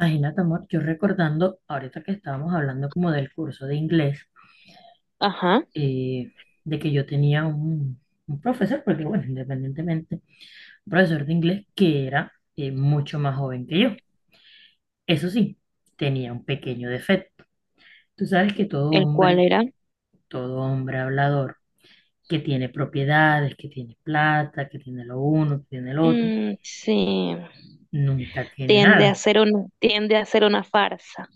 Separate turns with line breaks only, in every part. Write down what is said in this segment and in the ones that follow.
Imagínate, amor, yo recordando, ahorita que estábamos hablando como del curso de inglés,
Ajá,
eh, de que yo tenía un profesor, porque bueno, independientemente, un profesor de inglés que era mucho más joven que yo. Eso sí, tenía un pequeño defecto. Tú sabes que
el cual era,
todo hombre hablador, que tiene propiedades, que tiene plata, que tiene lo uno, que tiene lo otro,
mm, sí,
nunca tiene
tiende a
nada.
ser una, tiende a ser una farsa.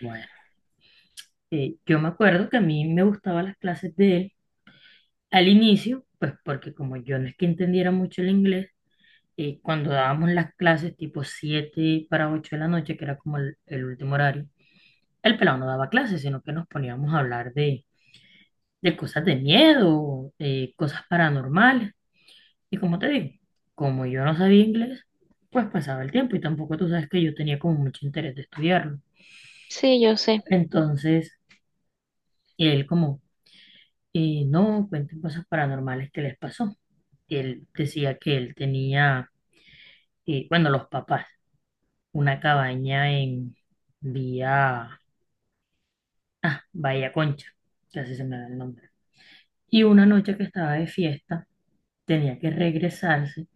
Bueno, yo me acuerdo que a mí me gustaban las clases de él. Al inicio, pues porque como yo no es que entendiera mucho el inglés, cuando dábamos las clases tipo 7 para 8 de la noche, que era como el último horario, el pelado no daba clases, sino que nos poníamos a hablar de cosas de miedo, cosas paranormales. Y como te digo, como yo no sabía inglés, pues pasaba el tiempo y tampoco tú sabes que yo tenía como mucho interés de estudiarlo.
Sí, yo sé,
Entonces, él como, no, cuenten cosas paranormales que les pasó. Él decía que él tenía, y bueno, los papás, una cabaña en vía, ah, Bahía Concha, casi se me da el nombre. Y una noche que estaba de fiesta, tenía que regresarse,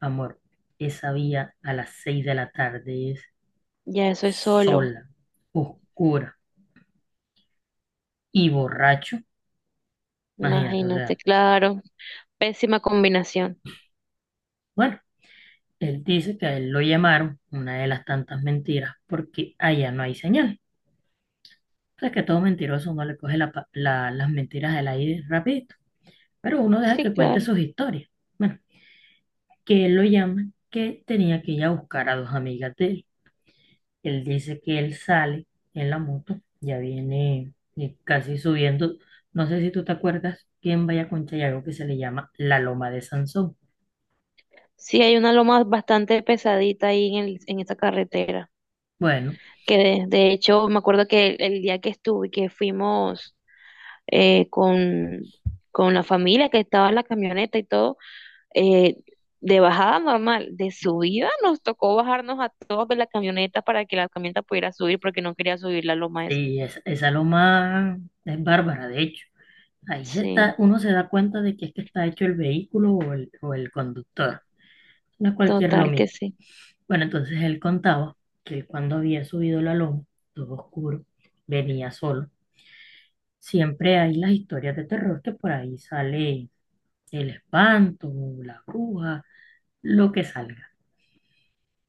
amor, esa vía a las 6 de la tarde es
ya eso es solo,
sola, oscura, y borracho, imagínate, o
imagínate,
sea,
claro, pésima combinación.
bueno, él dice que a él lo llamaron, una de las tantas mentiras, porque allá no hay señal. O sea, que todo mentiroso no le coge las mentiras del aire rápido, pero uno deja
Sí,
que cuente
claro.
sus historias. Bueno, que él lo llama, que tenía que ir a buscar a dos amigas de él. Él dice que él sale en la moto, ya viene, casi subiendo. No sé si tú te acuerdas quién vaya con Chayago, que se le llama la Loma de Sansón.
Sí, hay una loma bastante pesadita ahí en, en esa carretera,
Bueno,
que de hecho me acuerdo que el día que estuve, que fuimos eh, con, con la familia, que estaba en la camioneta y todo, eh, de bajada normal, de subida nos tocó bajarnos a todos de la camioneta para que la camioneta pudiera subir porque no quería subir la loma esa.
sí, esa loma es bárbara, de hecho. Ahí se
Sí,
está, uno se da cuenta de que es que está hecho el vehículo o el conductor. No es cualquier
total que
lomita.
sí,
Bueno, entonces él contaba que él, cuando había subido la loma, todo oscuro, venía solo. Siempre hay las historias de terror que por ahí sale el espanto, la bruja, lo que salga.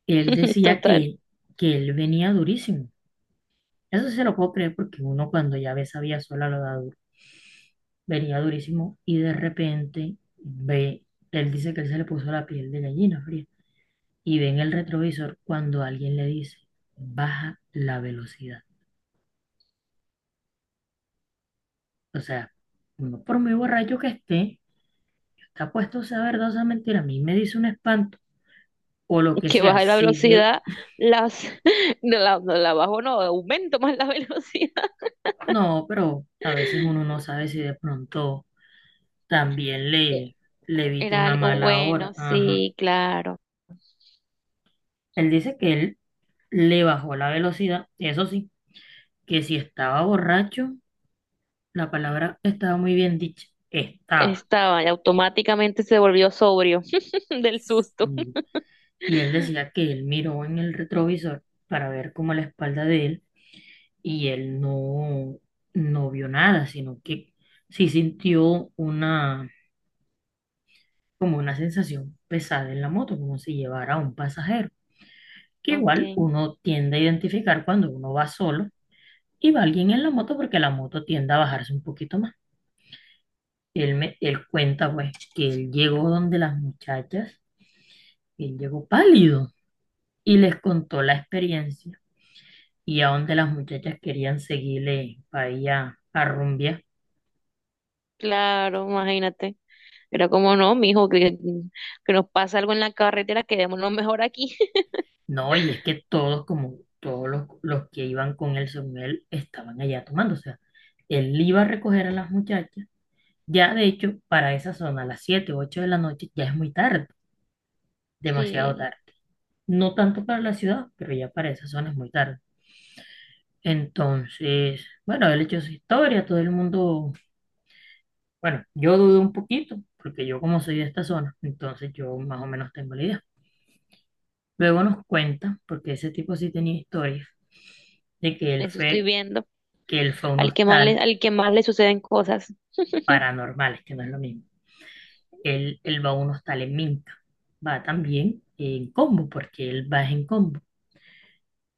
Él decía
total.
que él venía durísimo. Eso sí se lo puedo creer porque uno cuando ya ve sabía vía sola lo da duro. Venía durísimo y de repente ve, él dice que él se le puso la piel de gallina fría y ve en el retrovisor cuando alguien le dice, baja la velocidad. O sea, uno por muy borracho que esté, está puesto, sea verdad o sea mentira, a mí me dice un espanto o lo que
Que
sea,
baja la
sí sé.
velocidad, las, no la bajo, no, aumento más la velocidad.
No, pero a veces uno no sabe si de pronto también
Eh,
le evite
Era
una
algo
mala
bueno,
hora. Ajá.
sí, claro.
Él dice que él le bajó la velocidad, eso sí, que si estaba borracho, la palabra estaba muy bien dicha, estaba.
Estaba y automáticamente se volvió sobrio del susto.
Y y él decía que él miró en el retrovisor para ver cómo la espalda de él, y él no vio nada, sino que sí sintió una, como una sensación pesada en la moto, como si llevara a un pasajero, que
Ok,
igual uno tiende a identificar cuando uno va solo y va alguien en la moto, porque la moto tiende a bajarse un poquito más. Él cuenta pues que él llegó donde las muchachas, él llegó pálido y les contó la experiencia, y a donde las muchachas querían seguirle para allá a rumbear.
claro, imagínate. Pero como no, mijo, que nos pasa algo en la carretera, quedémonos mejor aquí.
No, y es que todos, como todos los que iban con él, según él, estaban allá tomando. O sea, él iba a recoger a las muchachas. Ya, de hecho, para esa zona, a las 7 u 8 de la noche, ya es muy tarde, demasiado
Sí,
tarde. No tanto para la ciudad, pero ya para esa zona es muy tarde. Entonces, bueno, él echó su historia, todo el mundo, bueno, yo dudé un poquito, porque yo como soy de esta zona, entonces yo más o menos tengo la idea. Luego nos cuenta, porque ese tipo sí tenía historias de que él
eso estoy
fue,
viendo.
a un hostal
Al que más le suceden cosas.
paranormal, es que no es lo mismo. Él va a un hostal en Minca, va también en combo, porque él va en combo.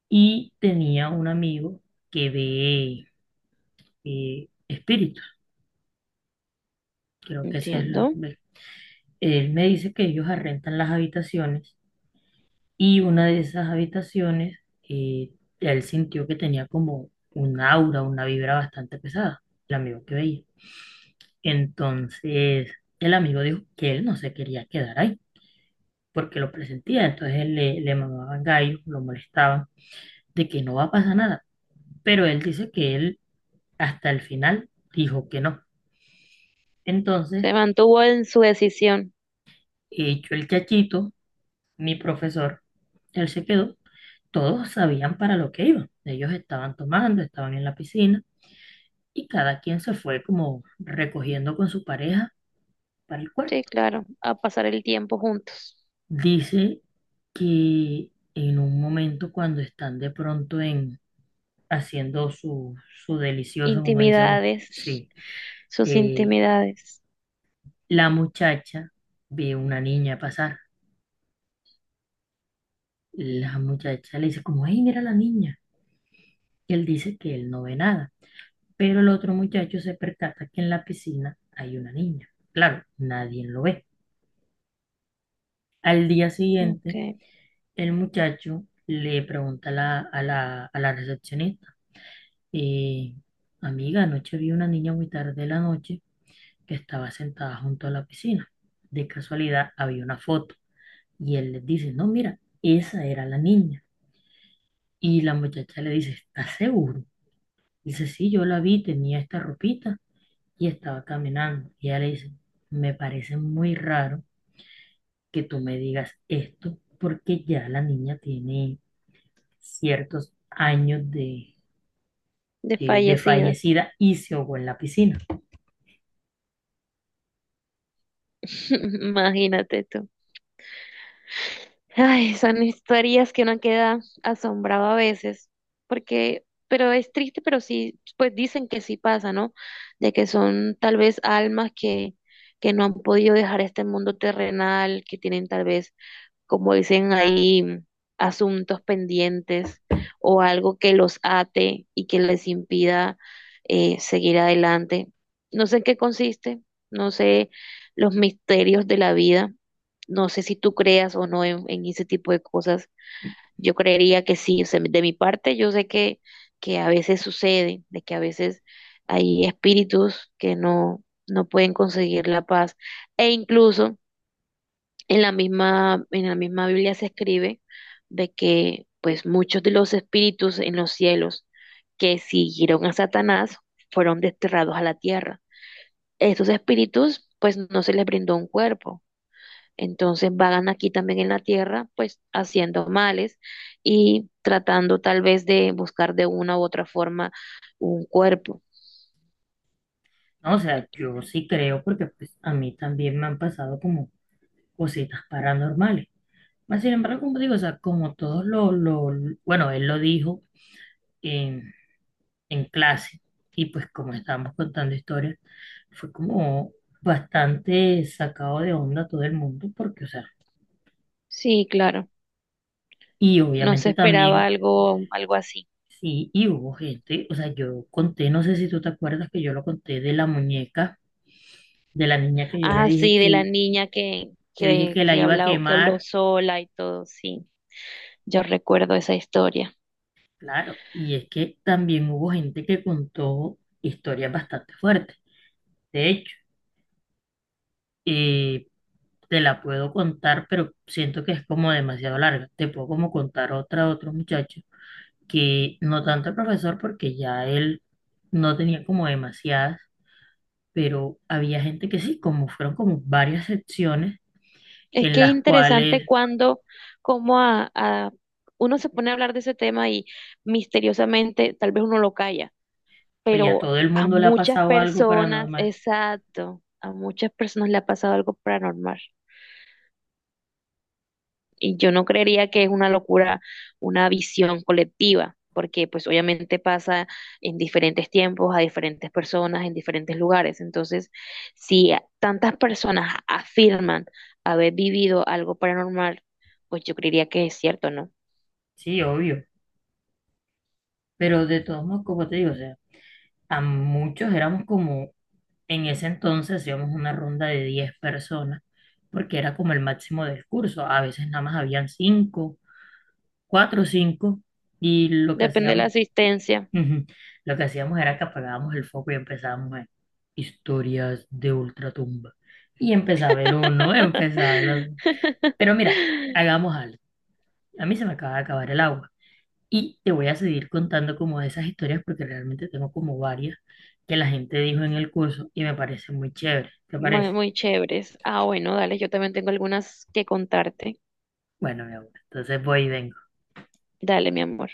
Y tenía un amigo que ve, espíritus, creo que esa es la...
Entiendo.
Él me dice que ellos arrendan las habitaciones, y una de esas habitaciones, eh, él sintió que tenía como un aura, una vibra bastante pesada, el amigo que veía. Entonces, el amigo dijo que él no se quería quedar ahí porque lo presentía, entonces él le mamaban gallo, lo molestaban, de que no va a pasar nada. Pero él dice que él, hasta el final, dijo que no. Entonces,
Se mantuvo en su decisión.
hecho el chachito, mi profesor, él se quedó, todos sabían para lo que iban. Ellos estaban tomando, estaban en la piscina, y cada quien se fue como recogiendo con su pareja para el cuarto.
Sí, claro, a pasar el tiempo juntos.
Dice que en un momento, cuando están de pronto haciendo su delicioso, como dice uno.
Intimidades,
Sí.
sus
Eh,
intimidades.
la muchacha ve una niña pasar. La muchacha le dice como, hey, mira la niña. Y él dice que él no ve nada. Pero el otro muchacho se percata que en la piscina hay una niña. Claro, nadie lo ve. Al día
Ok,
siguiente, el muchacho le pregunta a la recepcionista, eh, amiga, anoche vi una niña muy tarde de la noche que estaba sentada junto a la piscina. De casualidad había una foto y él les dice, no, mira, esa era la niña. Y la muchacha le dice, ¿estás seguro? Dice, sí, yo la vi, tenía esta ropita y estaba caminando. Y ella le dice, me parece muy raro que tú me digas esto, porque ya la niña tiene ciertos años de
desfallecida.
fallecida, y se ahogó en la piscina.
Imagínate tú. Ay, son historias que uno queda asombrado a veces, porque, pero es triste, pero sí, pues dicen que sí pasa, ¿no? De que son tal vez almas que no han podido dejar este mundo terrenal, que tienen tal vez como dicen ahí, asuntos pendientes o algo que los ate y que les impida seguir adelante. No sé en qué consiste, no sé los misterios de la vida, no sé si tú creas o no en, en ese tipo de cosas. Yo creería que sí, o sea, de mi parte yo sé que a veces sucede, de que a veces hay espíritus que no, no pueden conseguir la paz e incluso en en la misma Biblia se escribe de que pues muchos de los espíritus en los cielos que siguieron a Satanás fueron desterrados a la tierra. Estos espíritus pues no se les brindó un cuerpo. Entonces vagan aquí también en la tierra pues haciendo males y tratando tal vez de buscar de una u otra forma un cuerpo.
No, o sea, yo sí creo, porque pues a mí también me han pasado como cositas paranormales. Mas, sin embargo, como digo, o sea, como todos bueno, él lo dijo en, en clase, y pues como estábamos contando historias, fue como bastante sacado de onda todo el mundo porque, o sea,
Sí, claro.
y
No se
obviamente
esperaba
también,
algo, algo así.
sí, y hubo gente, o sea, yo conté, no sé si tú te acuerdas que yo lo conté de la muñeca, de la niña
Ah, sí, de la niña
que dije que la iba a
que habló
quemar,
sola y todo, sí. Yo recuerdo esa historia.
claro, y es que también hubo gente que contó historias bastante fuertes, de hecho. Eh, te la puedo contar, pero siento que es como demasiado larga. Te puedo como contar otra, otro muchacho, que no tanto el profesor, porque ya él no tenía como demasiadas, pero había gente que sí, como fueron como varias secciones
Es
en
que es
las
interesante
cuales
cuando, como uno se pone a hablar de ese tema y misteriosamente, tal vez uno lo calla,
pues ya
pero
todo el mundo le ha pasado algo paranormal.
exacto, a muchas personas le ha pasado algo paranormal. Y yo no creería que es una locura, una visión colectiva, porque pues obviamente pasa en diferentes tiempos, a diferentes personas, en diferentes lugares. Entonces, si a- tantas personas afirman haber vivido algo paranormal, pues yo creería que es cierto, ¿no?
Sí, obvio, pero de todos modos, como te digo, o sea, a muchos éramos como, en ese entonces hacíamos una ronda de 10 personas, porque era como el máximo del curso. A veces nada más habían cinco, cuatro o cinco, y lo que
Depende de la
hacíamos,
asistencia.
ujú, lo que hacíamos era que apagábamos el foco y empezábamos a historias de ultratumba. Y empezaba el uno, empezaba el otro. Pero mira, hagamos algo. A mí se me acaba de acabar el agua. Y te voy a seguir contando como de esas historias, porque realmente tengo como varias que la gente dijo en el curso y me parece muy chévere. ¿Te
Muy,
parece?
muy chéveres. Ah, bueno, dale, yo también tengo algunas que contarte.
Bueno, mi amor, entonces voy y vengo.
Dale, mi amor.